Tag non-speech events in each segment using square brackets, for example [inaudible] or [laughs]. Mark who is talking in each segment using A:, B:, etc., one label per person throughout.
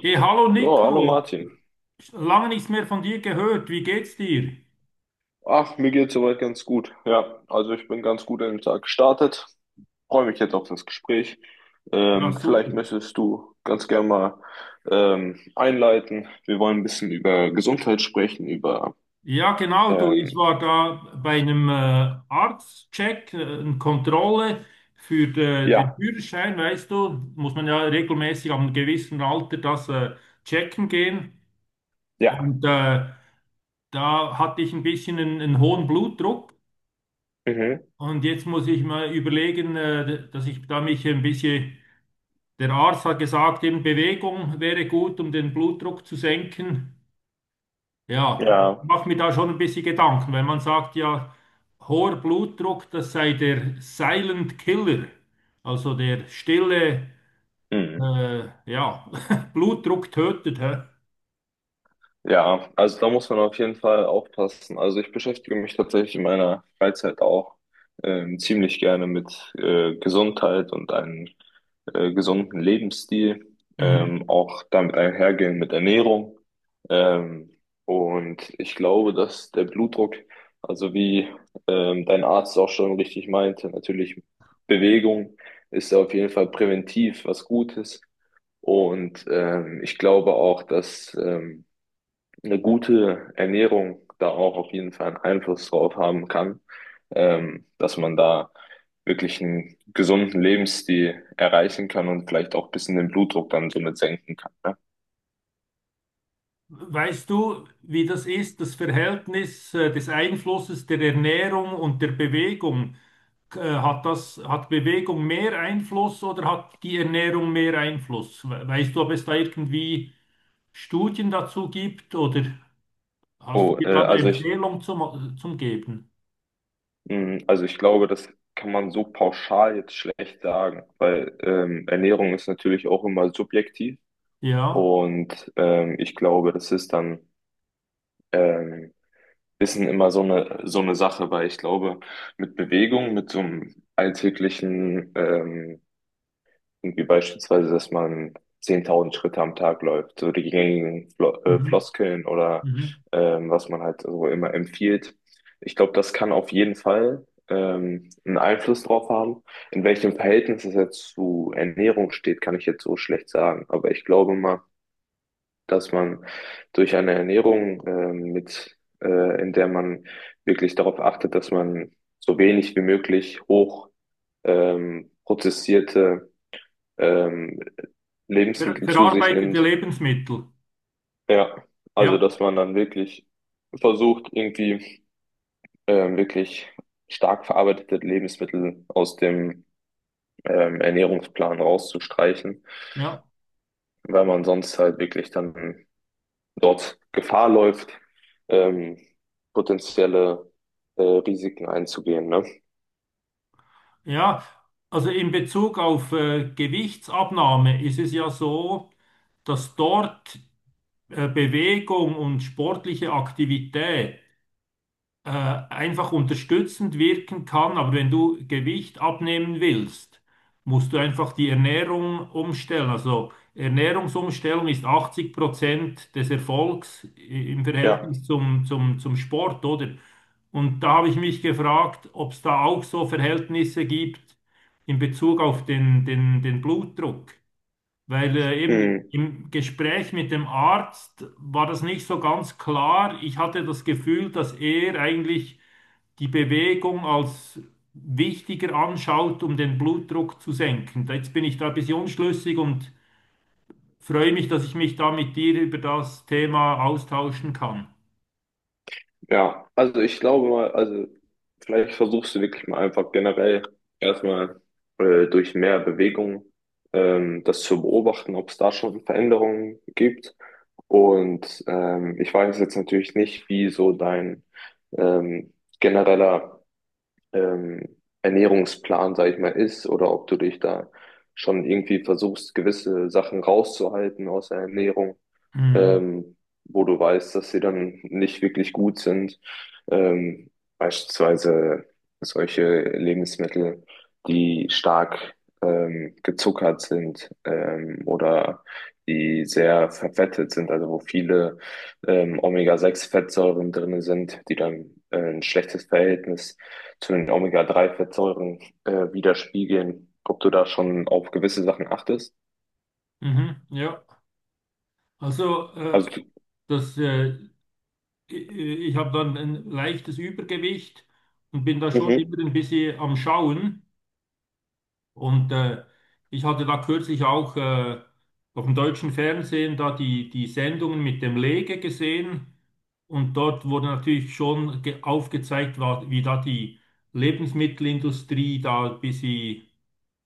A: Hey, hallo
B: So, hallo
A: Nico,
B: Martin.
A: lange nichts mehr von dir gehört. Wie geht's dir?
B: Ach, mir geht's soweit ganz gut. Ja, also ich bin ganz gut in den Tag gestartet. Freue mich jetzt auf das Gespräch.
A: Ja, super.
B: Vielleicht möchtest du ganz gerne mal einleiten. Wir wollen ein bisschen über Gesundheit sprechen, über
A: Ja, genau, du, ich
B: ähm,
A: war da bei einem Arztcheck, eine Kontrolle für den
B: ja,
A: Führerschein, weißt du, muss man ja regelmäßig am gewissen Alter das checken gehen.
B: ja.
A: Und da hatte ich ein bisschen einen hohen Blutdruck,
B: Mhm.
A: und jetzt muss ich mal überlegen, dass ich da mich ein bisschen. Der Arzt hat gesagt, eben Bewegung wäre gut, um den Blutdruck zu senken. Ja,
B: Ja.
A: macht mir da schon ein bisschen Gedanken, weil man sagt ja, hoher Blutdruck, das sei der Silent Killer, also der stille,
B: Mhm.
A: ja, [laughs] Blutdruck tötet. Hä?
B: Ja, also da muss man auf jeden Fall aufpassen. Also ich beschäftige mich tatsächlich in meiner Freizeit auch ziemlich gerne mit Gesundheit und einem gesunden Lebensstil,
A: Mhm.
B: auch damit einhergehen mit Ernährung. Ähm, und ich glaube, dass der Blutdruck, also wie dein Arzt auch schon richtig meinte, natürlich Bewegung ist auf jeden Fall präventiv was Gutes. Und ich glaube auch, dass eine gute Ernährung da auch auf jeden Fall einen Einfluss drauf haben kann, dass man da wirklich einen gesunden Lebensstil erreichen kann und vielleicht auch ein bisschen den Blutdruck dann somit senken kann. Ne?
A: Weißt du, wie das ist, das Verhältnis des Einflusses der Ernährung und der Bewegung? Hat das, hat Bewegung mehr Einfluss oder hat die Ernährung mehr Einfluss? Weißt du, ob es da irgendwie Studien dazu gibt oder hast du
B: Oh,
A: dir da
B: äh,
A: eine
B: also ich,
A: Empfehlung zum Geben?
B: also ich glaube, das kann man so pauschal jetzt schlecht sagen, weil Ernährung ist natürlich auch immer subjektiv
A: Ja.
B: und ich glaube, das ist dann ähm, Wissen immer so eine Sache, weil ich glaube, mit Bewegung, mit so einem alltäglichen, irgendwie beispielsweise, dass man 10.000 Schritte am Tag läuft, so die gängigen
A: Mhm.
B: Floskeln oder
A: Mhm.
B: was man halt so immer empfiehlt. Ich glaube, das kann auf jeden Fall einen Einfluss drauf haben. In welchem Verhältnis es jetzt zu Ernährung steht, kann ich jetzt so schlecht sagen. Aber ich glaube mal, dass man durch eine Ernährung in der man wirklich darauf achtet, dass man so wenig wie möglich hoch prozessierte ähm, Lebensmittel zu sich
A: Verarbeitete
B: nimmt.
A: Lebensmittel.
B: Ja, also
A: Ja,
B: dass man dann wirklich versucht, irgendwie wirklich stark verarbeitete Lebensmittel aus dem Ernährungsplan rauszustreichen,
A: ja.
B: weil man sonst halt wirklich dann dort Gefahr läuft, ähm, potenzielle Risiken einzugehen, ne?
A: Ja, also in Bezug auf Gewichtsabnahme ist es ja so, dass dort Bewegung und sportliche Aktivität äh, einfach unterstützend wirken kann, aber wenn du Gewicht abnehmen willst, musst du einfach die Ernährung umstellen. Also Ernährungsumstellung ist 80% des Erfolgs im
B: Ja.
A: Verhältnis zum Sport, oder? Und da habe ich mich gefragt, ob es da auch so Verhältnisse gibt in Bezug auf den Blutdruck. Weil eben
B: Hm,
A: im Gespräch mit dem Arzt war das nicht so ganz klar. Ich hatte das Gefühl, dass er eigentlich die Bewegung als wichtiger anschaut, um den Blutdruck zu senken. Jetzt bin ich da ein bisschen unschlüssig und freue mich, dass ich mich da mit dir über das Thema austauschen kann.
B: ja, also ich glaube mal, also vielleicht versuchst du wirklich mal einfach generell erstmal durch mehr Bewegung das zu beobachten, ob es da schon Veränderungen gibt. Und ich weiß jetzt natürlich nicht, wie so dein ähm, genereller ähm, Ernährungsplan, sag ich mal, ist oder ob du dich da schon irgendwie versuchst, gewisse Sachen rauszuhalten aus der Ernährung,
A: Mhm.
B: ähm, wo du weißt, dass sie dann nicht wirklich gut sind. Ähm, Beispielsweise solche Lebensmittel, die stark gezuckert sind, oder die sehr verfettet sind, also wo viele omega sechs fettsäuren drinne sind, die dann ein schlechtes Verhältnis zu den omega drei fettsäuren widerspiegeln. Ob du da schon auf gewisse Sachen achtest?
A: Mhm. Ja, also
B: Also,
A: das, äh, ich habe dann ein leichtes Übergewicht und bin da schon
B: mhm,
A: immer ein bisschen am Schauen. Und ich hatte da kürzlich auch auf dem deutschen Fernsehen da die Sendungen mit dem Lege gesehen. Und dort wurde natürlich schon aufgezeigt, wie da die Lebensmittelindustrie da ein bisschen,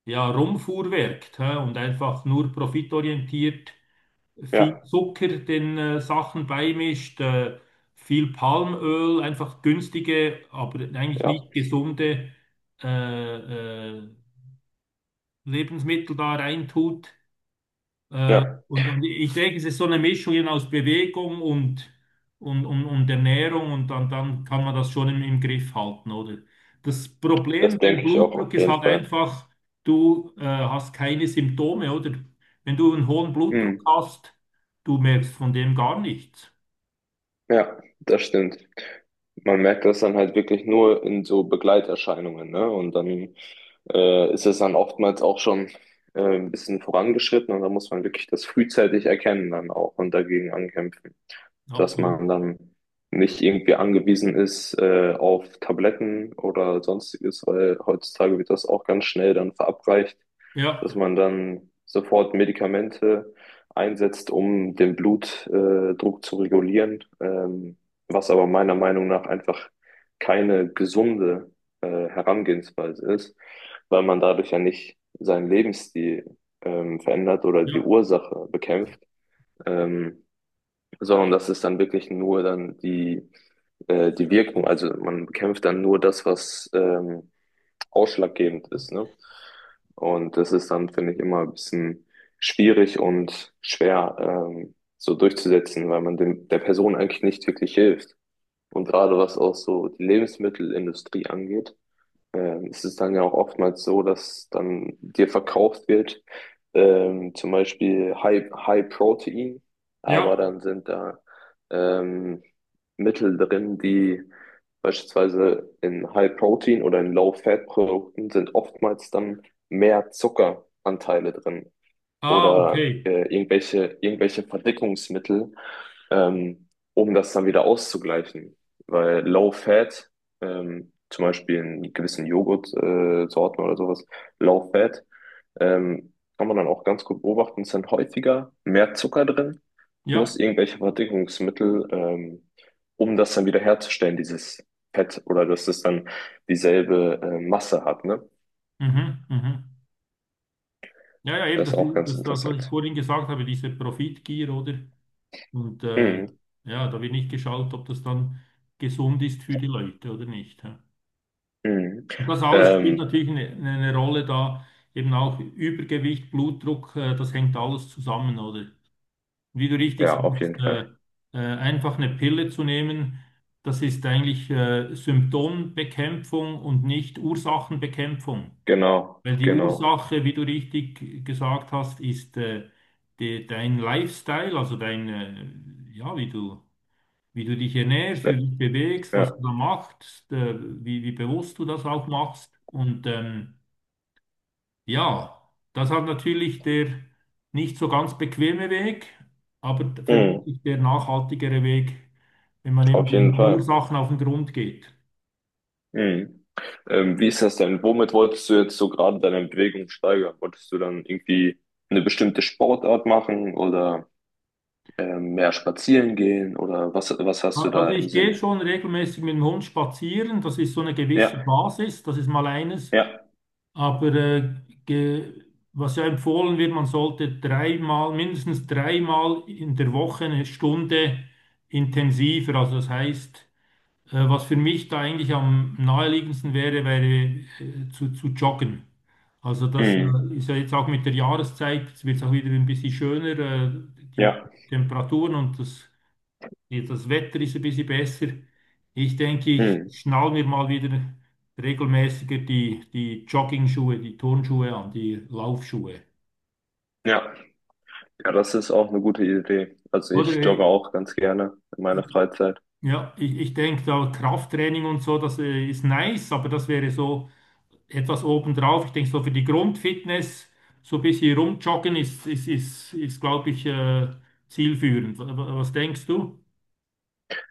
A: ja, rumfuhrwerkt, hä? Und einfach nur profitorientiert viel
B: ja,
A: Zucker den Sachen beimischt, viel Palmöl, einfach günstige, aber eigentlich
B: ja,
A: nicht gesunde äh, äh, Lebensmittel da reintut.
B: ja.
A: Und ich denke, es ist so eine Mischung eben aus Bewegung und Ernährung, und dann, dann kann man das schon im Griff halten, oder? Das Problem
B: Das
A: beim
B: denke ich auch
A: Blutdruck
B: auf
A: ist
B: jeden
A: halt
B: Fall.
A: einfach, du hast keine Symptome, oder? Wenn du einen hohen Blutdruck
B: Hm.
A: hast, du merkst von dem gar nichts.
B: Ja, das stimmt. Man merkt das dann halt wirklich nur in so Begleiterscheinungen, ne? Und dann ist es dann oftmals auch schon ein bisschen vorangeschritten und da muss man wirklich das frühzeitig erkennen dann auch und dagegen ankämpfen, dass
A: Absolut.
B: man dann nicht irgendwie angewiesen ist auf Tabletten oder sonstiges, weil heutzutage wird das auch ganz schnell dann verabreicht, dass
A: Ja,
B: man dann sofort Medikamente einsetzt, um den Blutdruck Druck zu regulieren, was aber meiner Meinung nach einfach keine gesunde Herangehensweise ist, weil man dadurch ja nicht seinen Lebensstil verändert oder die
A: ja,
B: Ursache bekämpft, ähm, sondern das ist dann wirklich nur dann die Wirkung. Also man bekämpft dann nur das, was ausschlaggebend ist, ne? Und das ist dann, finde ich, immer ein bisschen schwierig und schwer, so durchzusetzen, weil man dem, der Person eigentlich nicht wirklich hilft. Und gerade was auch so die Lebensmittelindustrie angeht, es ist dann ja auch oftmals so, dass dann dir verkauft wird, zum Beispiel High Protein, aber
A: ja.
B: dann sind da ähm, Mittel drin, die beispielsweise in High Protein oder in Low Fat Produkten sind, oftmals dann mehr Zuckeranteile drin
A: Ah,
B: oder
A: okay.
B: irgendwelche Verdickungsmittel, ähm, um das dann wieder auszugleichen. Weil Low Fat, zum Beispiel in gewissen Joghurtsorten Sorten oder sowas, Low Fat, kann man dann auch ganz gut beobachten, ist dann häufiger mehr Zucker drin, plus
A: Ja,
B: irgendwelche Verdickungsmittel, um das dann wieder herzustellen, dieses Fett, oder dass es dann dieselbe Masse hat, ne?
A: mhm, mhm. Ja, ja, eben,
B: Das ist
A: das,
B: auch
A: ist-
B: ganz
A: das, das, was ich
B: interessant.
A: vorhin gesagt habe, diese Profitgier, oder? Und
B: Mhm.
A: ja, da wird nicht geschaut, ob das dann gesund ist für die Leute oder nicht, hä?
B: Mhm.
A: Und das alles spielt
B: Ähm,
A: natürlich eine Rolle da, eben auch Übergewicht, Blutdruck, das hängt alles zusammen, oder? Wie du richtig
B: ja, auf
A: sagst,
B: jeden Fall.
A: einfach eine Pille zu nehmen, das ist eigentlich Symptombekämpfung und nicht Ursachenbekämpfung.
B: Genau,
A: Weil die
B: genau.
A: Ursache, wie du richtig gesagt hast, ist dein Lifestyle, also dein, ja, wie du dich ernährst, wie
B: Ne,
A: du dich bewegst, was
B: ja,
A: du da machst, wie, wie bewusst du das auch machst. Und ja, das hat natürlich der nicht so ganz bequeme Weg, aber
B: mhm,
A: vermutlich der nachhaltigere Weg, wenn man eben
B: auf jeden
A: den
B: Fall.
A: Ursachen auf den Grund geht.
B: Mhm. Wie ist das denn? Womit wolltest du jetzt so gerade deine Bewegung steigern? Wolltest du dann irgendwie eine bestimmte Sportart machen oder mehr spazieren gehen oder was, was hast du
A: Also
B: da im
A: ich gehe
B: Sinn?
A: schon regelmäßig mit dem Hund spazieren, das ist so eine gewisse
B: Ja,
A: Basis, das ist mal eines.
B: ja,
A: Aber ge, was ja empfohlen wird, man sollte dreimal, mindestens dreimal in der Woche eine Stunde intensiver. Also das heißt, was für mich da eigentlich am naheliegendsten wäre, wäre zu joggen. Also das
B: mhm,
A: ist ja jetzt auch mit der Jahreszeit, jetzt wird es auch wieder ein bisschen schöner, die
B: ja,
A: Temperaturen und das. Jetzt das Wetter ist ein bisschen besser. Ich denke, ich
B: mhm,
A: schnall mir mal wieder regelmäßiger die Jogging-Schuhe, die Turnschuhe an, die Laufschuhe.
B: ja. Ja, das ist auch eine gute Idee. Also
A: Oder
B: ich jogge auch ganz gerne in meiner
A: ich-
B: Freizeit.
A: ja, ich denke, da Krafttraining und so, das ist nice, aber das wäre so etwas obendrauf. Ich denke, so für die Grundfitness, so ein bisschen rumjoggen ist, glaube ich, zielführend. Was denkst du?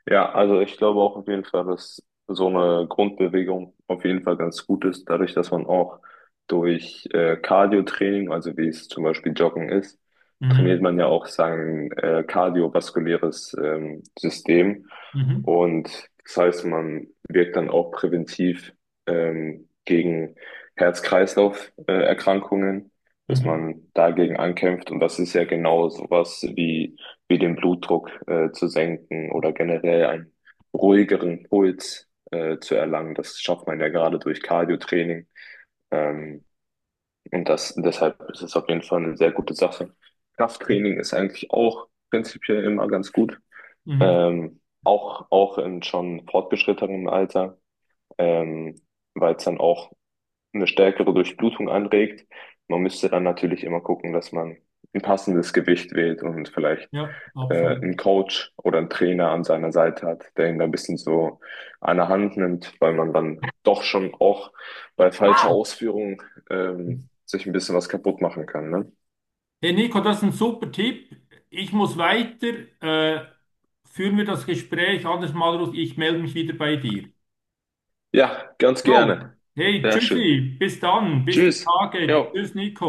B: Ja, also ich glaube auch auf jeden Fall, dass so eine Grundbewegung auf jeden Fall ganz gut ist, dadurch, dass man auch durch Cardio-Training, also wie es zum Beispiel Joggen ist, trainiert
A: Mhm.
B: man ja auch sein kardiovaskuläres System.
A: Mhm.
B: Und das heißt, man wirkt dann auch präventiv gegen Herz-Kreislauf-Erkrankungen, dass
A: Mhm.
B: man dagegen ankämpft. Und das ist ja genau sowas wie wie den Blutdruck zu senken oder generell einen ruhigeren Puls zu erlangen. Das schafft man ja gerade durch Cardio-Training. Ähm, Deshalb ist es auf jeden Fall eine sehr gute Sache. Krafttraining ist eigentlich auch prinzipiell immer ganz gut.
A: Mhm.
B: Auch, auch in schon fortgeschrittenem Alter, ähm, weil es dann auch eine stärkere Durchblutung anregt. Man müsste dann natürlich immer gucken, dass man ein passendes Gewicht wählt und vielleicht
A: Ja, absolut.
B: einen Coach oder einen Trainer an seiner Seite hat, der ihn da ein bisschen so an der Hand nimmt, weil man dann doch schon auch bei falscher Ausführung sich ein bisschen was kaputt machen kann. Ne?
A: Hey Nico, das ist ein super Tipp. Ich muss weiter. Äh, führen wir das Gespräch anders mal raus. Ich melde mich wieder bei dir.
B: Ja, ganz
A: Jo,
B: gerne.
A: hey,
B: Sehr schön.
A: tschüssi, bis dann, bis die
B: Tschüss.
A: Tage.
B: Jo.
A: Tschüss, Nico.